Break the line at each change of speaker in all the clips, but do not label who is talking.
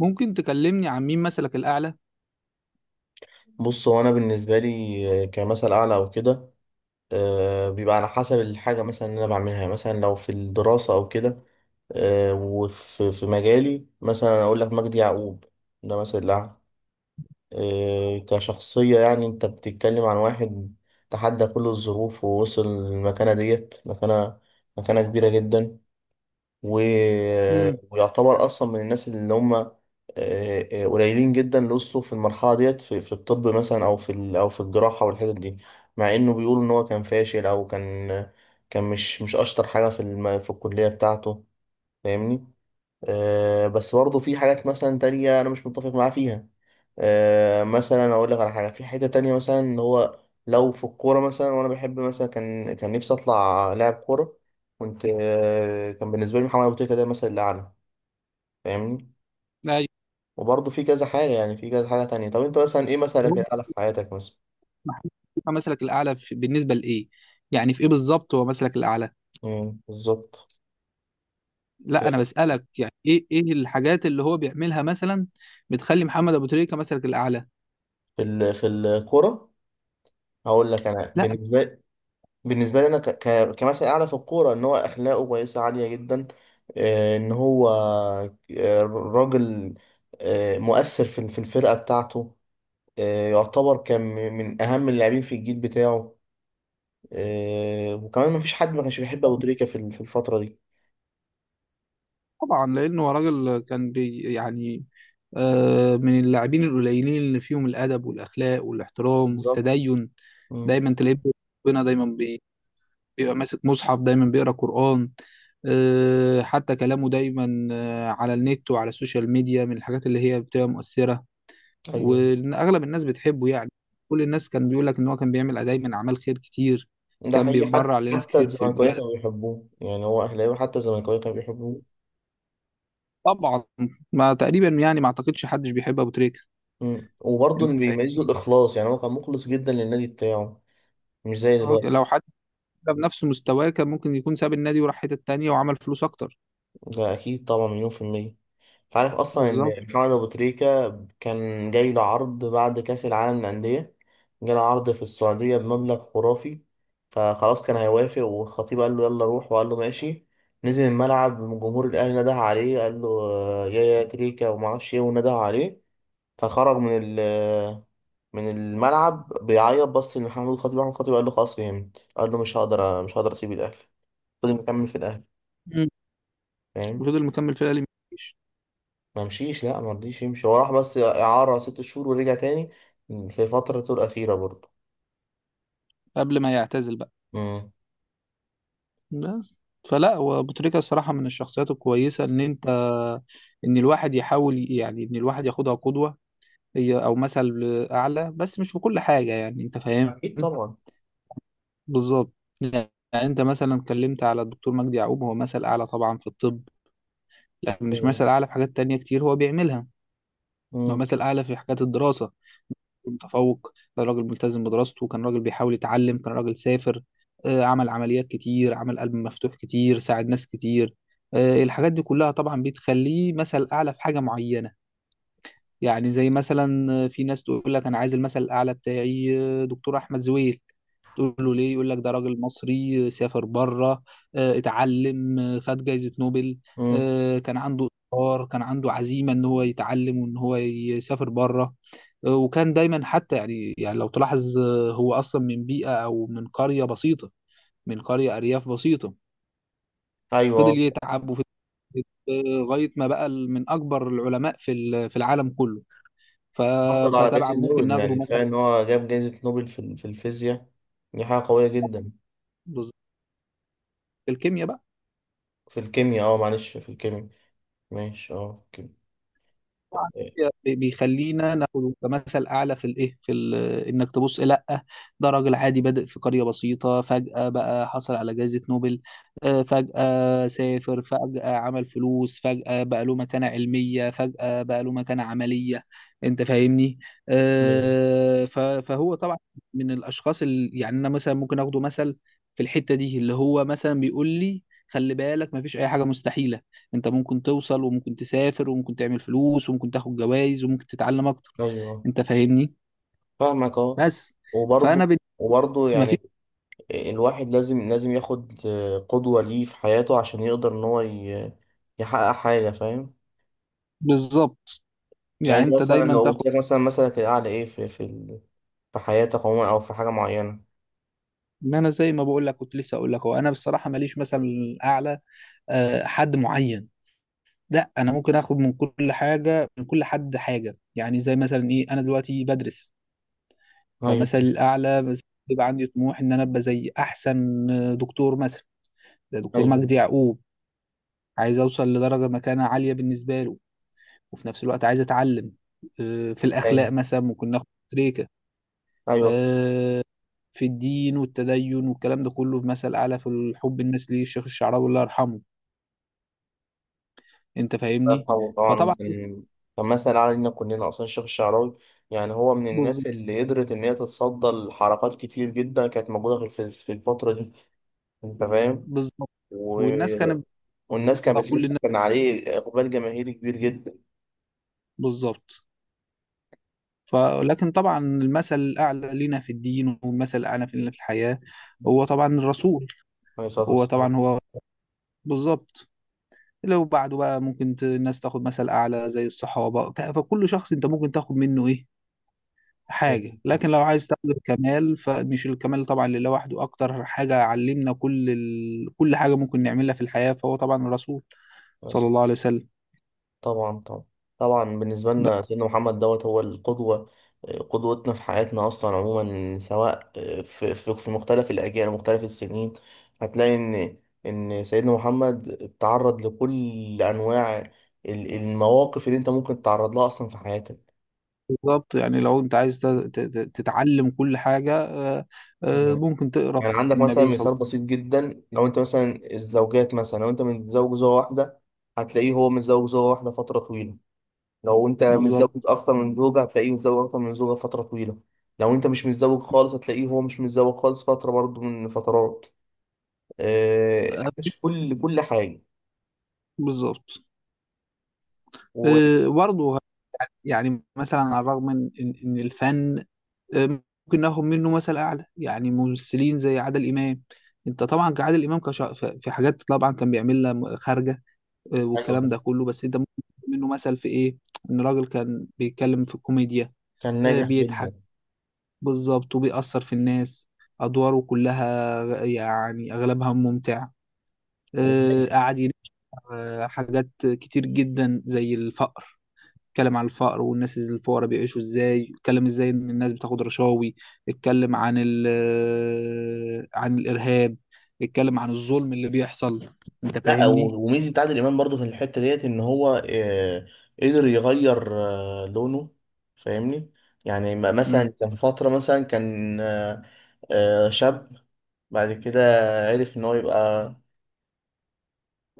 ممكن تكلمني عن مين مثلك الأعلى؟
بص هو انا بالنسبه لي كمثل اعلى او كده، بيبقى على حسب الحاجه مثلا اللي انا بعملها. يعني مثلا لو في الدراسه او كده، آه، وفي في مجالي مثلا اقول لك مجدي يعقوب ده مثل اعلى، كشخصيه. يعني انت بتتكلم عن واحد تحدى كل الظروف ووصل للمكانه ديت، مكانه كبيره جدا و...
امم
ويعتبر اصلا من الناس اللي هم قليلين جدا اللي وصلوا في المرحله ديت في الطب مثلا او في الجراحه والحتت دي، مع انه بيقول ان هو كان فاشل او كان، كان مش اشطر حاجه في الكليه بتاعته. فاهمني؟ بس برضه في حاجات مثلا تانية أنا مش متفق معاه فيها. مثلا أقول لك على حاجة في حتة تانية، مثلا إن هو لو في الكورة مثلا، وأنا بحب مثلا، كان نفسي أطلع لاعب كورة، كنت كان بالنسبة لي محمد أبو تريكة ده مثلا الأعلى. فاهمني؟
أيوه.
وبرضه في كذا حاجة، يعني في كذا حاجة تانية. طب أنت مثلا إيه
هو
مثلك الأعلى في حياتك مثلا؟
محمود شيكا مثلك الأعلى بالنسبة لإيه؟ يعني في إيه بالظبط هو مثلك الأعلى؟
مم، بالظبط.
لا،
في
أنا بسألك يعني إيه الحاجات اللي هو بيعملها مثلا بتخلي محمد أبو تريكة مثلك الأعلى؟
في الكورة هقول لك. أنا
لا،
بالنسبة، بالنسبه لي انا كمثل اعلى في الكوره ان هو اخلاقه كويسه عاليه جدا، ان هو راجل مؤثر في الفرقه بتاعته، يعتبر كان من اهم اللاعبين في الجيل بتاعه، وكمان مفيش حد ما كانش بيحب ابو تريكه في الفتره دي.
طبعا لأنه هو راجل كان بي يعني آه من اللاعبين القليلين اللي فيهم الأدب والأخلاق والاحترام
بالظبط.
والتدين.
مم.
دايما تلاقيه ربنا، دايما بيبقى ماسك مصحف، دايما بيقرا قرآن. حتى كلامه دايما، على النت وعلى السوشيال ميديا، من الحاجات اللي هي بتبقى مؤثرة.
ايوه.
وأغلب الناس بتحبه يعني. كل الناس كان بيقول لك إن هو كان بيعمل دايما أعمال خير كتير،
ده
كان
حقيقي، حتى
بيتبرع لناس
حتى
كتير في
الزملكاويه
البلد.
كانوا بيحبوه، يعني هو اهلاوي حتى الزملكاويه كانوا بيحبوه.
طبعا، ما تقريبا يعني ما أعتقدش حدش بيحب أبو تريكة.
مم. وبرضه اللي
أنت
بيميزه
فاهمني.
الاخلاص، يعني هو كان مخلص جدا للنادي بتاعه، مش زي دلوقتي.
لو حد كان بنفس مستواه كان ممكن يكون ساب النادي وراح حتة تانية وعمل فلوس أكتر.
ده أكيد طبعا، مليون في المية. أنت عارف أصلا
بالظبط.
إن محمد أبو تريكة كان جاي له عرض بعد كأس العالم للأندية، جاله عرض في السعودية بمبلغ خرافي، فخلاص كان هيوافق، والخطيب قال له يلا روح، وقال له ماشي. نزل الملعب، جمهور الأهلي نده عليه، قال له آه، يا يا تريكة ومعرفش إيه، ونده عليه، فخرج من ال آه، من الملعب بيعيط. بص لمحمد الخطيب، محمد الخطيب قال له خلاص فهمت، قال له مش هقدر أسيب الأهلي، فضل مكمل في الأهلي.
مم.
فاهم؟
وفضل مكمل في الأهلي. مفيش.
ما مشيش، لا ما رضيش يمشي، هو راح بس إعارة ست شهور ورجع تاني في فترته الأخيرة برضه.
قبل ما يعتزل بقى.
امم.
بس. فلا، وابو تريكة الصراحة من الشخصيات الكويسة ان انت، ان الواحد يحاول يعني ان الواحد ياخدها قدوة، هي او مثل اعلى، بس مش في كل حاجة يعني انت فاهم.
أكيد طبعا.
بالظبط. يعني انت مثلا اتكلمت على الدكتور مجدي يعقوب، هو مثل اعلى طبعا في الطب، لكن مش
ايوه.
مثل اعلى في حاجات تانية كتير هو بيعملها. هو
امم.
مثل اعلى في حاجات الدراسة. متفوق، كان راجل ملتزم بدراسته، كان راجل بيحاول يتعلم، كان راجل سافر. عمل عمليات كتير، عمل قلب مفتوح كتير، ساعد ناس كتير. الحاجات دي كلها طبعا بتخليه مثل أعلى في حاجة معينة. يعني زي مثلا في ناس تقول لك أنا عايز المثل الأعلى بتاعي، دكتور أحمد زويل. تقول له ليه، يقول لك ده راجل مصري، سافر بره، اتعلم، خد جايزة نوبل.
امم.
كان عنده إصرار، كان عنده عزيمة إن هو يتعلم وإن هو يسافر بره. وكان دايما حتى يعني، لو تلاحظ، هو أصلا من بيئة أو من قرية بسيطة، من قرية أرياف بسيطة. فضل
ايوه.
يتعب وفضل لغاية ما بقى من أكبر العلماء في في العالم كله. ف-
حصل على
فطبعا
جائزة
ممكن
نوبل،
ناخده
يعني
مثلا
كفاية إن هو جاب جائزة نوبل في الفيزياء، دي حاجة قوية جدا.
في الكيمياء بقى.
في الكيمياء؟ اه معلش، في الكيمياء. ماشي اه، في
طبعاً
الكيمياء.
بيخلينا ناخده كمثل اعلى في الايه، في انك تبص. لا، ده راجل عادي بادئ في قريه بسيطه، فجاه بقى حصل على جائزه نوبل. فجاه سافر، فجاه عمل فلوس، فجاه بقى له مكانه علميه، فجاه بقى له مكانه عمليه. انت فاهمني.
أمم.
فهو طبعا من الاشخاص اللي يعني انا مثلا ممكن اخده مثل في الحته دي، اللي هو مثلا بيقول لي خلي بالك مفيش اي حاجه مستحيله، انت ممكن توصل وممكن تسافر وممكن تعمل فلوس وممكن تاخد جوائز وممكن تتعلم اكتر.
ايوه.
انت فاهمني.
فاهمك اه.
بس فانا
وبرضه وبرضه
ما في.
يعني الواحد لازم ياخد قدوة ليه في حياته، عشان يقدر إن هو يحقق حاجة. فاهم؟
بالظبط.
يعني
يعني
انت
انت
مثلا لو
دايما تاخد.
قلت لك مثلا مثلك الأعلى إيه في في حياتك عموما، أو في حاجة معينة.
ان انا زي ما بقول لك كنت لسه اقول لك، هو انا بصراحه ماليش مثلا اعلى، حد معين. لا، انا ممكن اخد من كل حاجه من كل حد حاجه. يعني زي مثلا ايه، انا دلوقتي بدرس،
أيوه.
فمثلا الاعلى بس بيبقى عندي طموح ان انا ابقى زي احسن دكتور مثلا زي دكتور
أيوه.
مجدي يعقوب. عايز اوصل لدرجه مكانه عاليه بالنسبه له، وفي نفس الوقت عايز اتعلم. في الاخلاق
أيوه.
مثلا ممكن ناخد تريكه.
أيوه.
آه، في الدين والتدين والكلام ده كله في مثل اعلى، في الحب الناس ليه الشيخ الشعراوي الله يرحمه. انت
الله
فاهمني.
يرحمه
فطبعا
طبعا، كان كان مثل علينا كلنا أصلا الشيخ الشعراوي. يعني هو من
بالظ-
الناس اللي قدرت إن هي تتصدى لحركات كتير جدا كانت موجودة في الفترة دي. أنت فاهم؟
بالظبط.
و...
والناس كانت
والناس كانت
بتطلع كل
بتحب،
الناس.
كان عليه إقبال جماهيري كبير جدا.
بالظبط. فلكن طبعا المثل الاعلى لنا في الدين والمثل الاعلى في الحياه هو طبعا الرسول.
عليه الصلاة
هو طبعا هو. بالظبط. لو بعده بقى ممكن الناس تاخد مثل اعلى زي الصحابه. فكل شخص انت ممكن تاخد منه ايه، حاجة. لكن لو عايز تاخد الكمال، فمش الكمال طبعا اللي لوحده أكتر حاجة علمنا كل كل حاجة ممكن نعملها في الحياة، فهو طبعا الرسول صلى
والسلام.
الله عليه وسلم.
طبعا طبعا طبعا. بالنسبة
بس
لنا سيدنا محمد دوت هو القدوة، قدوتنا في حياتنا أصلا عموما، سواء في مختلف الأجيال ومختلف السنين. هتلاقي إن سيدنا محمد تعرض لكل أنواع المواقف اللي أنت ممكن تتعرض لها أصلا في حياتك.
بالظبط، يعني لو أنت عايز تتعلم كل حاجة.
يعني
ممكن تقرأ.
يعني عندك مثلا
النبي صلى
مثال بسيط جدا، لو أنت مثلا الزوجات، مثلا لو أنت متزوج زوجة واحدة، هتلاقيه هو متزوج زوجة واحدة فترة طويلة. لو انت
الله عليه وسلم.
متزوج
بالظبط.
اكتر من زوجة هتلاقيه متزوج اكتر من زوجة فترة طويلة. لو انت مش متزوج خالص هتلاقيه هو مش متزوج خالص فترة، برضو من فترات،
آه،
عاش كل حاجة
بالظبط.
و...
برضه يعني، مثلا على الرغم من إن الفن ممكن ناخد منه مثل اعلى. يعني ممثلين زي عادل امام. انت طبعا كعادل امام، في حاجات طبعا كان بيعملها خارجه.
ايوه
والكلام
طبعا.
ده كله، بس انت ممكن تاخد منه مثل في ايه، ان راجل كان بيتكلم في الكوميديا،
كان ناجح جدا.
بيضحك. بالظبط، وبيأثر في الناس. ادواره كلها يعني اغلبها ممتع.
وناجح.
قعد ينقع حاجات كتير جدا زي الفقر. اتكلم عن الفقر والناس الفقراء بيعيشوا ازاي، اتكلم ازاي ان الناس بتاخد رشاوي، اتكلم عن ال آه، عن الارهاب، اتكلم عن الظلم اللي بيحصل. انت
لا،
فاهمني.
وميزة عادل امام برضو في الحتة ديت ان هو قدر يغير لونه. فاهمني؟ يعني
امم
مثلا كان فترة مثلا كان شاب، بعد كده عرف ان هو يبقى،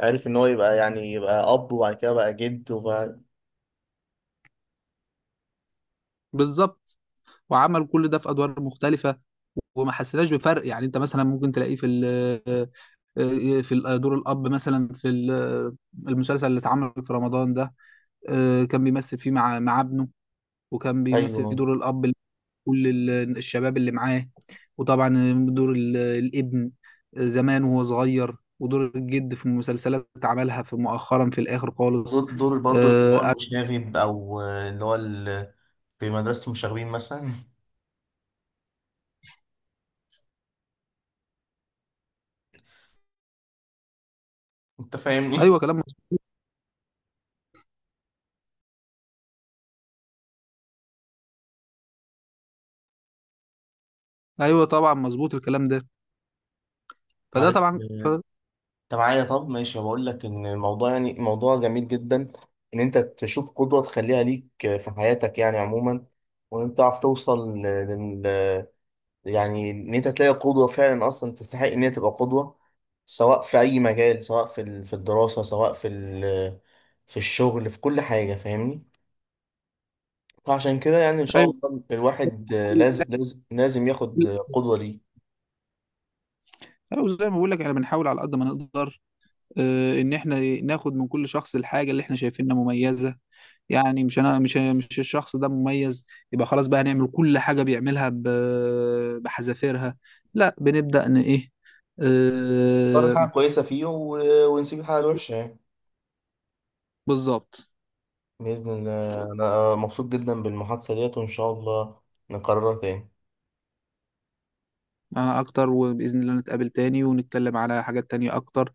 عرف ان هو يبقى يعني يبقى اب، وبعد كده بقى جد وبقى،
بالظبط. وعمل كل ده في ادوار مختلفه وما حسيناش بفرق. يعني انت مثلا ممكن تلاقيه في دور الاب مثلا في المسلسل اللي اتعمل في رمضان ده. كان بيمثل فيه مع ابنه، وكان بيمثل فيه
ايوه.
دور الاب كل الشباب اللي معاه. وطبعا دور الابن زمان وهو صغير، ودور الجد في المسلسلات عملها في مؤخرا في الاخر
دور
خالص.
دور برضه اللي هو
آه،
المشاغب او اللي هو في مدرسة المشاغبين مثلا. انت فاهمني؟
ايوه كلام مظبوط. ايوه طبعا مظبوط الكلام ده. فده
معلش.
طبعا
انت معايا؟ طب ماشي، بقول لك ان الموضوع يعني موضوع جميل جدا، ان انت تشوف قدوة تخليها ليك في حياتك يعني عموما، وان انت تعرف توصل، يعني ان انت تلاقي قدوة فعلا اصلا تستحق ان هي تبقى قدوة، سواء في اي مجال، سواء في الدراسة، سواء في الشغل، في كل حاجة. فاهمني؟ فعشان كده يعني ان شاء
ايوه.
الله الواحد لازم ياخد قدوة ليه.
أيوة، زي ما بقول لك احنا بنحاول على قد ما نقدر، ان احنا ناخد من كل شخص الحاجه اللي احنا شايفينها مميزه. يعني مش انا، مش الشخص ده مميز يبقى خلاص بقى هنعمل كل حاجه بيعملها بحذافيرها. لا، بنبدا ان ايه.
نختار الحاجة
آه
الكويسة فيه ونسيب الحاجة الوحشة يعني.
بالظبط.
بإذن الله أنا مبسوط جدا بالمحادثة ديت، وإن شاء الله نكررها تاني.
انا اكتر، وباذن الله نتقابل تاني ونتكلم على حاجات تانية اكتر.